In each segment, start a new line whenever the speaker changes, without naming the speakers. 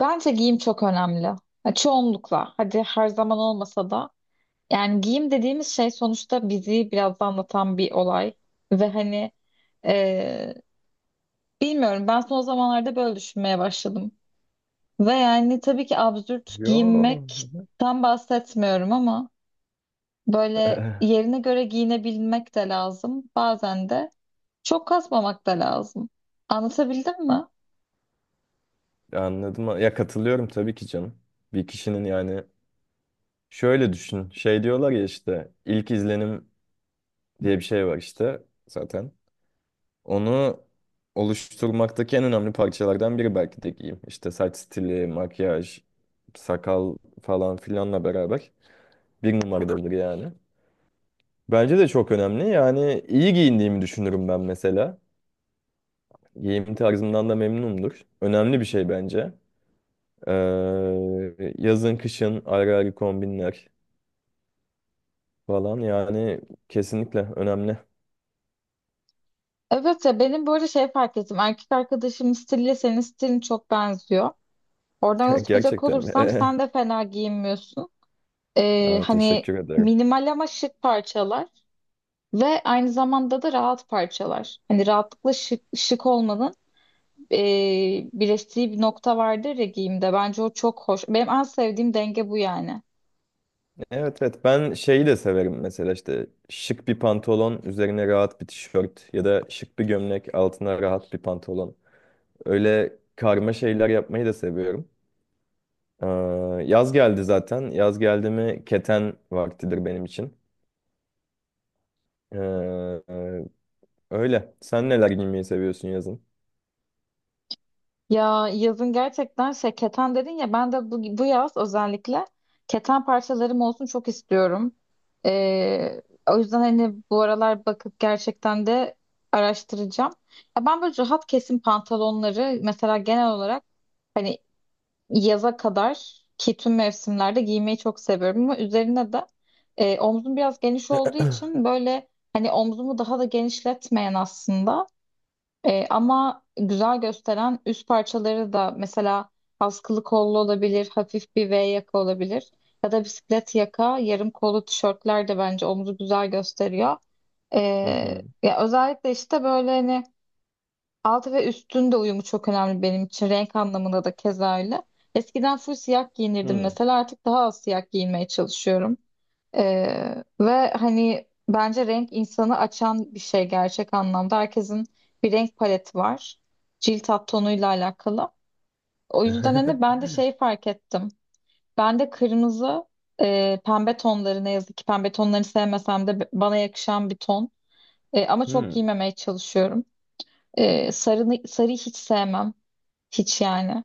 Bence giyim çok önemli. Ya çoğunlukla. Hadi her zaman olmasa da. Yani giyim dediğimiz şey sonuçta bizi biraz da anlatan bir olay. Ve hani e, bilmiyorum, ben son zamanlarda böyle düşünmeye başladım. Ve yani tabii ki absürt
Yo.
giyinmekten bahsetmiyorum ama böyle yerine göre giyinebilmek de lazım. Bazen de çok kasmamak da lazım. Anlatabildim mi?
Anladım. Ya katılıyorum tabii ki canım. Bir kişinin şöyle düşün. Şey diyorlar ya işte ilk izlenim diye bir şey var işte zaten. Onu oluşturmaktaki en önemli parçalardan biri belki de giyim. İşte saç stili, makyaj, sakal falan filanla beraber bir numaradadır yani. Bence de çok önemli. Yani iyi giyindiğimi düşünürüm ben mesela. Giyim tarzımdan da memnunumdur. Önemli bir şey bence. Yazın kışın ayrı ayrı kombinler falan yani kesinlikle önemli.
Evet ya, benim böyle şey fark ettim. Erkek arkadaşımın stiliyle senin stilin çok benziyor. Oradan yola çıkacak
Gerçekten mi?
olursam sen de fena giyinmiyorsun.
Aa,
Hani
teşekkür ederim.
minimal ama şık parçalar ve aynı zamanda da rahat parçalar. Hani rahatlıkla şık olmanın ee, birleştiği bir nokta vardır ya giyimde. Bence o çok hoş. Benim en sevdiğim denge bu yani.
Evet evet, ben şeyi de severim mesela, işte şık bir pantolon üzerine rahat bir tişört ya da şık bir gömlek altına rahat bir pantolon. Öyle karma şeyler yapmayı da seviyorum. Ee, Yaz geldi zaten. Yaz geldi mi keten vaktidir benim için. Ee, e, Öyle. Sen neler giymeyi seviyorsun yazın?
Ya yazın gerçekten şey keten dedin ya, ben de bu yaz özellikle keten parçalarım olsun çok istiyorum. Ee, o yüzden hani bu aralar bakıp gerçekten de araştıracağım. Ya ben böyle rahat kesim pantolonları mesela genel olarak hani yaza kadar ki tüm mevsimlerde giymeyi çok seviyorum ama üzerine de omzum biraz geniş olduğu için böyle hani omzumu daha da genişletmeyen, aslında ama güzel gösteren üst parçaları da, mesela askılı kollu olabilir, hafif bir V yaka olabilir ya da bisiklet yaka, yarım kollu tişörtler de bence omuzu güzel gösteriyor. E,
Hı hı.
ya özellikle işte böyle hani altı ve üstün de uyumu çok önemli benim için, renk anlamında da keza öyle. Eskiden full siyah giyinirdim
Hı.
mesela, artık daha az siyah giyinmeye çalışıyorum. Ve hani bence renk insanı açan bir şey gerçek anlamda. Herkesin bir renk paleti var. Cilt alt tonuyla alakalı. O yüzden hani ben de şey fark ettim. Ben de kırmızı, pembe tonları, ne yazık ki pembe tonlarını sevmesem de bana yakışan bir ton. Ama çok
Hmm,
giymemeye çalışıyorum. E, sarıyı hiç sevmem. Hiç yani.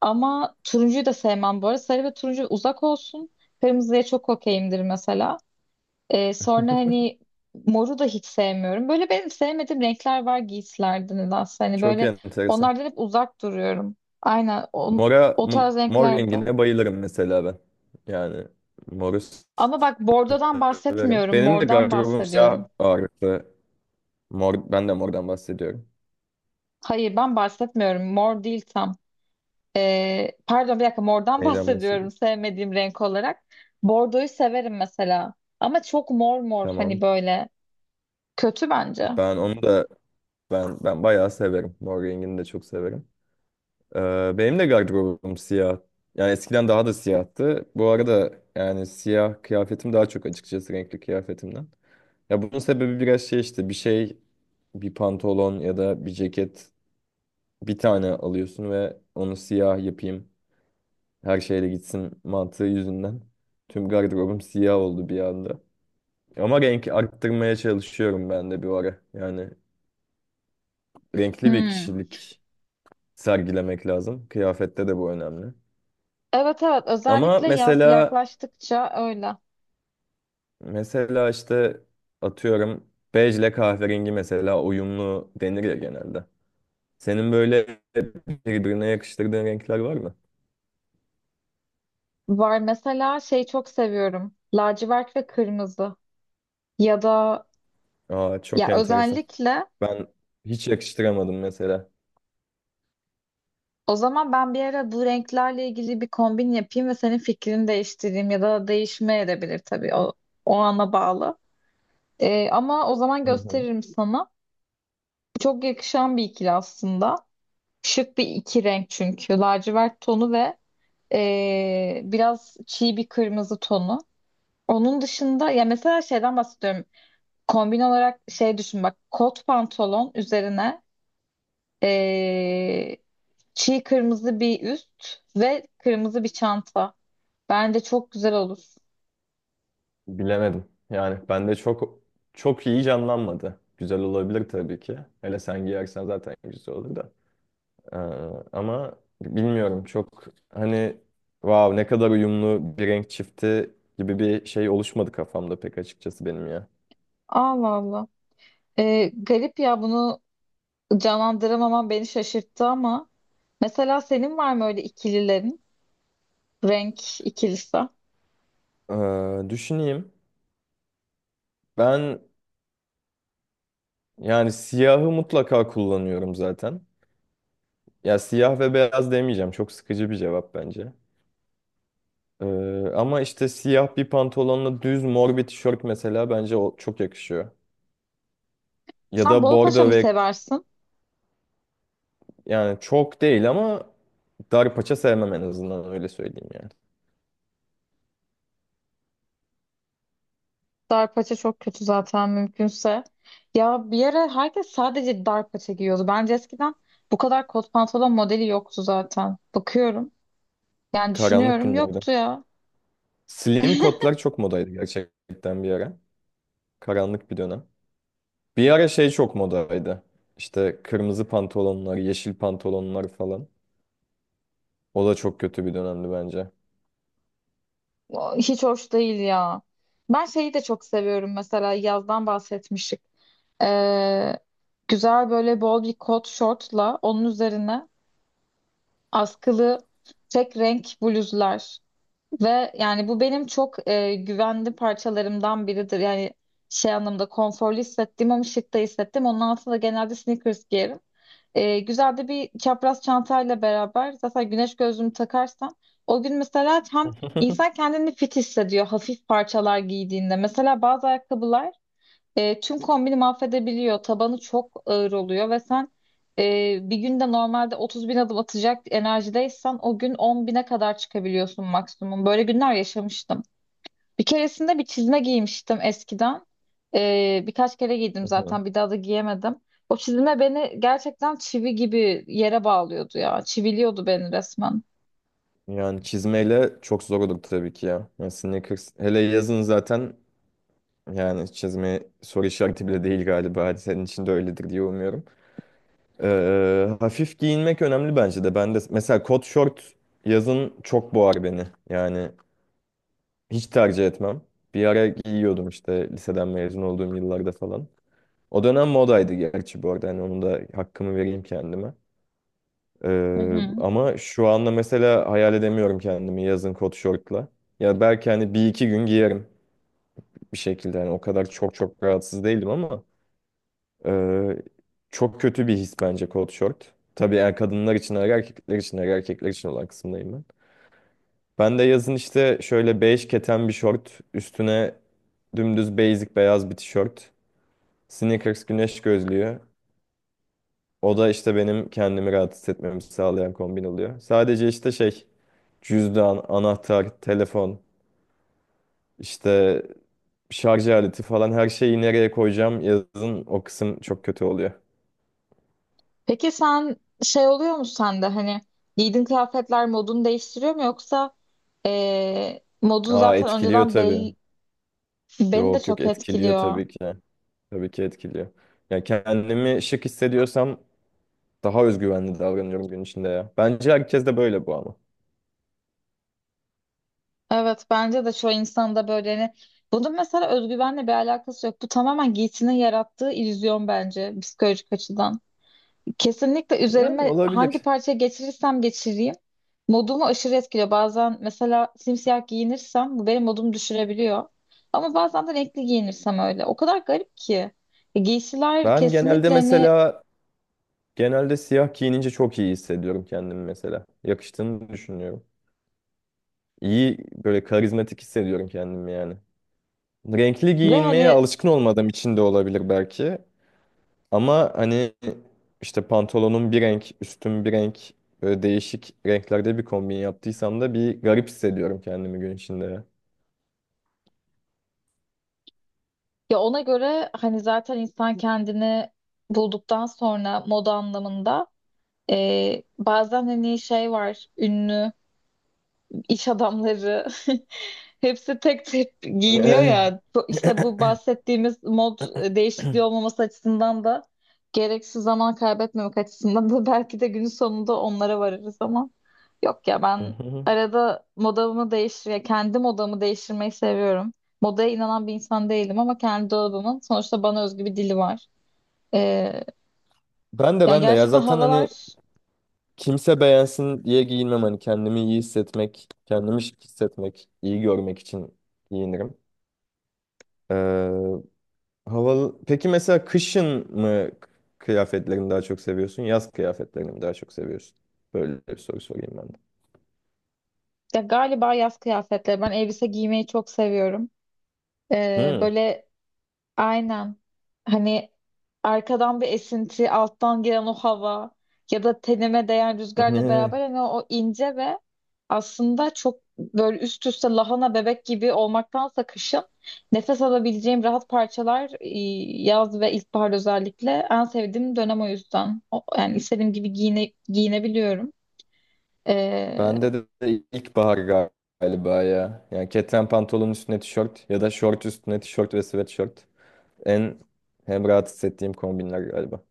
Ama turuncuyu da sevmem bu arada. Sarı ve turuncu uzak olsun. Kırmızıya çok okeyimdir mesela. Sonra hani moru da hiç sevmiyorum. Böyle benim sevmediğim renkler var giysilerde nedense. Hani
çok
böyle
enteresan.
onlardan hep uzak duruyorum. Aynen o,
Mora,
o tarz
mor
renklerde.
rengine bayılırım mesela ben. Yani moru
Ama bak, bordodan
severim.
bahsetmiyorum.
Benim de
Mordan
gardırobum siyah
bahsediyorum.
ağırlıklı. Mor, ben de mordan bahsediyorum.
Hayır, ben bahsetmiyorum. Mor değil tam. Pardon, bir dakika, mordan
Neyden
bahsediyorum
bahsediyorum?
sevmediğim renk olarak. Bordoyu severim mesela. Ama çok mor mor, hani
Tamam.
böyle kötü bence.
Ben onu da ben bayağı severim. Mor rengini de çok severim. Benim de gardırobum siyah. Yani eskiden daha da siyahtı. Bu arada yani siyah kıyafetim daha çok, açıkçası, renkli kıyafetimden. Ya bunun sebebi biraz şey, işte bir pantolon ya da bir ceket bir tane alıyorsun ve onu siyah yapayım her şeyle gitsin mantığı yüzünden. Tüm gardırobum siyah oldu bir anda. Ama renk arttırmaya çalışıyorum ben de bir ara. Yani renkli bir
Hmm.
kişilik sergilemek lazım. Kıyafette de bu önemli.
Evet, evet,
Ama
özellikle yaz
mesela
yaklaştıkça öyle.
Mesela işte atıyorum bej ile kahverengi mesela uyumlu denir ya genelde. Senin böyle birbirine yakıştırdığın renkler var mı?
Var, mesela şeyi çok seviyorum: lacivert ve kırmızı. Ya da
Aa, çok
ya
enteresan.
özellikle
Ben hiç yakıştıramadım mesela.
o zaman ben bir ara bu renklerle ilgili bir kombin yapayım ve senin fikrini değiştireyim, ya da değişme edebilir tabii, o, o ana bağlı. Ama o zaman
Hı hı.
gösteririm sana. Çok yakışan bir ikili aslında. Şık bir iki renk çünkü. Lacivert tonu ve biraz çiğ bir kırmızı tonu. Onun dışında ya mesela şeyden bahsediyorum. Kombin olarak şey düşün bak: kot pantolon üzerine ee, çiğ kırmızı bir üst ve kırmızı bir çanta. Bence çok güzel olur.
Bilemedim. Yani bende çok iyi canlanmadı. Güzel olabilir tabii ki. Hele sen giyersen zaten güzel olur da. Ee, Ama bilmiyorum, çok hani wow ne kadar uyumlu bir renk çifti gibi bir şey oluşmadı kafamda pek açıkçası benim ya.
Allah Allah. Garip ya, bunu canlandıramaman beni şaşırttı, ama mesela senin var mı öyle ikililerin? Renk ikilisi.
Düşüneyim. Ben yani siyahı mutlaka kullanıyorum zaten. Ya siyah ve beyaz demeyeceğim. Çok sıkıcı bir cevap bence. Ee, Ama işte siyah bir pantolonla düz mor bir tişört, mesela bence o çok yakışıyor. Ya
Sen
da
bol paça
bordo
mı
ve
seversin?
yani çok değil ama dar paça sevmem, en azından öyle söyleyeyim yani.
Dar paça çok kötü zaten, mümkünse. Ya bir ara herkes sadece dar paça giyiyordu. Bence eskiden bu kadar kot pantolon modeli yoktu zaten. Bakıyorum. Yani
Karanlık
düşünüyorum,
günlerde.
yoktu ya.
Slim kotlar çok modaydı gerçekten bir ara. Karanlık bir dönem. Bir ara şey çok modaydı. İşte kırmızı pantolonlar, yeşil pantolonlar falan. O da çok kötü bir dönemdi bence.
Hiç hoş değil ya. Ben şeyi de çok seviyorum mesela, yazdan bahsetmiştik. Ee, güzel böyle bol bir kot şortla onun üzerine askılı tek renk bluzlar. Ve yani bu benim çok güvenli parçalarımdan biridir. Yani şey anlamda konforlu hissettiğim ama şık da hissettim. Onun altında genelde sneakers giyerim. Güzel de bir çapraz çantayla beraber, zaten güneş gözlüğümü takarsam o gün mesela, hem insan kendini fit hissediyor hafif parçalar giydiğinde. Mesela bazı ayakkabılar tüm kombini mahvedebiliyor. Tabanı çok ağır oluyor ve sen bir günde normalde 30 bin adım atacak enerjideysen o gün 10 bine kadar çıkabiliyorsun maksimum. Böyle günler yaşamıştım. Bir keresinde bir çizme giymiştim eskiden. Birkaç kere giydim
Hı hı.
zaten, bir daha da giyemedim. O çizme beni gerçekten çivi gibi yere bağlıyordu ya. Çiviliyordu beni resmen.
Yani çizmeyle çok zor olur tabii ki ya. Yani sneakers hele yazın zaten, yani çizme soru işareti bile değil galiba. Hadi senin için de öyledir diye umuyorum. Hafif giyinmek önemli bence de. Ben de mesela kot şort yazın çok boğar beni. Yani hiç tercih etmem. Bir ara giyiyordum işte liseden mezun olduğum yıllarda falan. O dönem modaydı gerçi bu arada. Hani onun da hakkımı vereyim kendime.
Hı hı.
Ama şu anda mesela hayal edemiyorum kendimi yazın kot şortla. Ya belki hani bir iki gün giyerim bir şekilde. Hani o kadar çok rahatsız değilim ama e, çok kötü bir his bence kot şort. Tabii kadınlar için erkekler için erkekler için olan kısımdayım ben. Ben de yazın işte şöyle bej keten bir şort üstüne dümdüz basic beyaz bir tişört. Sneakers, güneş gözlüğü. O da işte benim kendimi rahat hissetmemi sağlayan kombin oluyor. Sadece işte şey, cüzdan, anahtar, telefon, işte şarj aleti falan her şeyi nereye koyacağım, yazın o kısım çok kötü oluyor.
Peki sen, şey oluyor mu sende hani giydiğin kıyafetler modunu değiştiriyor mu, yoksa modun
Aa,
zaten
etkiliyor
önceden
tabii.
belli, beni de
Yok yok,
çok
etkiliyor
etkiliyor.
tabii ki. Tabii ki etkiliyor. Yani kendimi şık hissediyorsam daha özgüvenli davranıyorum gün içinde ya. Bence herkes de böyle bu ama.
Evet, bence de çoğu insanda böyle. Hani bunun mesela özgüvenle bir alakası yok. Bu tamamen giysinin yarattığı illüzyon bence, psikolojik açıdan. Kesinlikle
Yani
üzerime hangi
olabilir.
parça geçirirsem geçireyim modumu aşırı etkiliyor. Bazen mesela simsiyah giyinirsem bu benim modumu düşürebiliyor. Ama bazen de renkli giyinirsem öyle. O kadar garip ki. Giysiler
Ben genelde
kesinlikle hani
mesela Genelde siyah giyinince çok iyi hissediyorum kendimi mesela. Yakıştığını düşünüyorum. İyi, böyle karizmatik hissediyorum kendimi yani. Renkli
ve
giyinmeye
hani
alışkın olmadığım için de olabilir belki. Ama hani işte pantolonum bir renk, üstüm bir renk, böyle değişik renklerde bir kombin yaptıysam da bir garip hissediyorum kendimi gün içinde. Ya.
ya ona göre hani zaten insan kendini bulduktan sonra moda anlamında, bazen hani şey var, ünlü iş adamları hepsi tek tek giyiniyor
Eh,
ya. İşte bu bahsettiğimiz mod değişikliği olmaması açısından da, gereksiz zaman kaybetmemek açısından da belki de günün sonunda onlara varırız, ama yok ya,
hı
ben
hı.
arada modamı kendi modamı değiştirmeyi seviyorum. Modaya inanan bir insan değilim, ama kendi dolabımın sonuçta bana özgü bir dili var. Ee,
Ben de
yani
ben de ya
gerçekten
zaten hani
havalar
kimse beğensin diye giyinmem, hani kendimi iyi hissetmek, kendimi şık hissetmek, iyi görmek için giyinirim. Ee, Havalı. Peki mesela kışın mı kıyafetlerini daha çok seviyorsun? Yaz kıyafetlerini mi daha çok seviyorsun? Böyle bir soru sorayım ben de.
ya, galiba yaz kıyafetleri. Ben elbise giymeyi çok seviyorum.
Hmm.
Böyle Aynen. Hani arkadan bir esinti, alttan gelen o hava ya da tenime değen rüzgarla
Ne?
beraber, hani o ince ve aslında çok böyle üst üste lahana bebek gibi olmaktansa, kışın nefes alabileceğim rahat parçalar, yaz ve ilkbahar özellikle en sevdiğim dönem, o yüzden. Yani istediğim gibi giyinebiliyorum. Ee,
Bende de ilkbahar galiba ya. Yani keten pantolonun üstüne tişört ya da şort üstüne tişört ve sweatshirt. En hem rahat hissettiğim kombinler galiba.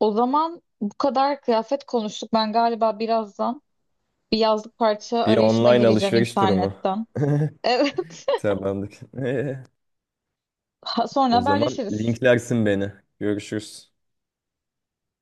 o zaman bu kadar kıyafet konuştuk. Ben galiba birazdan bir yazlık parça
Bir
arayışına
online
gireceğim
alışveriş durumu.
internetten. Evet.
Tamamdır.
Sonra
O zaman
haberleşiriz.
linklersin beni. Görüşürüz.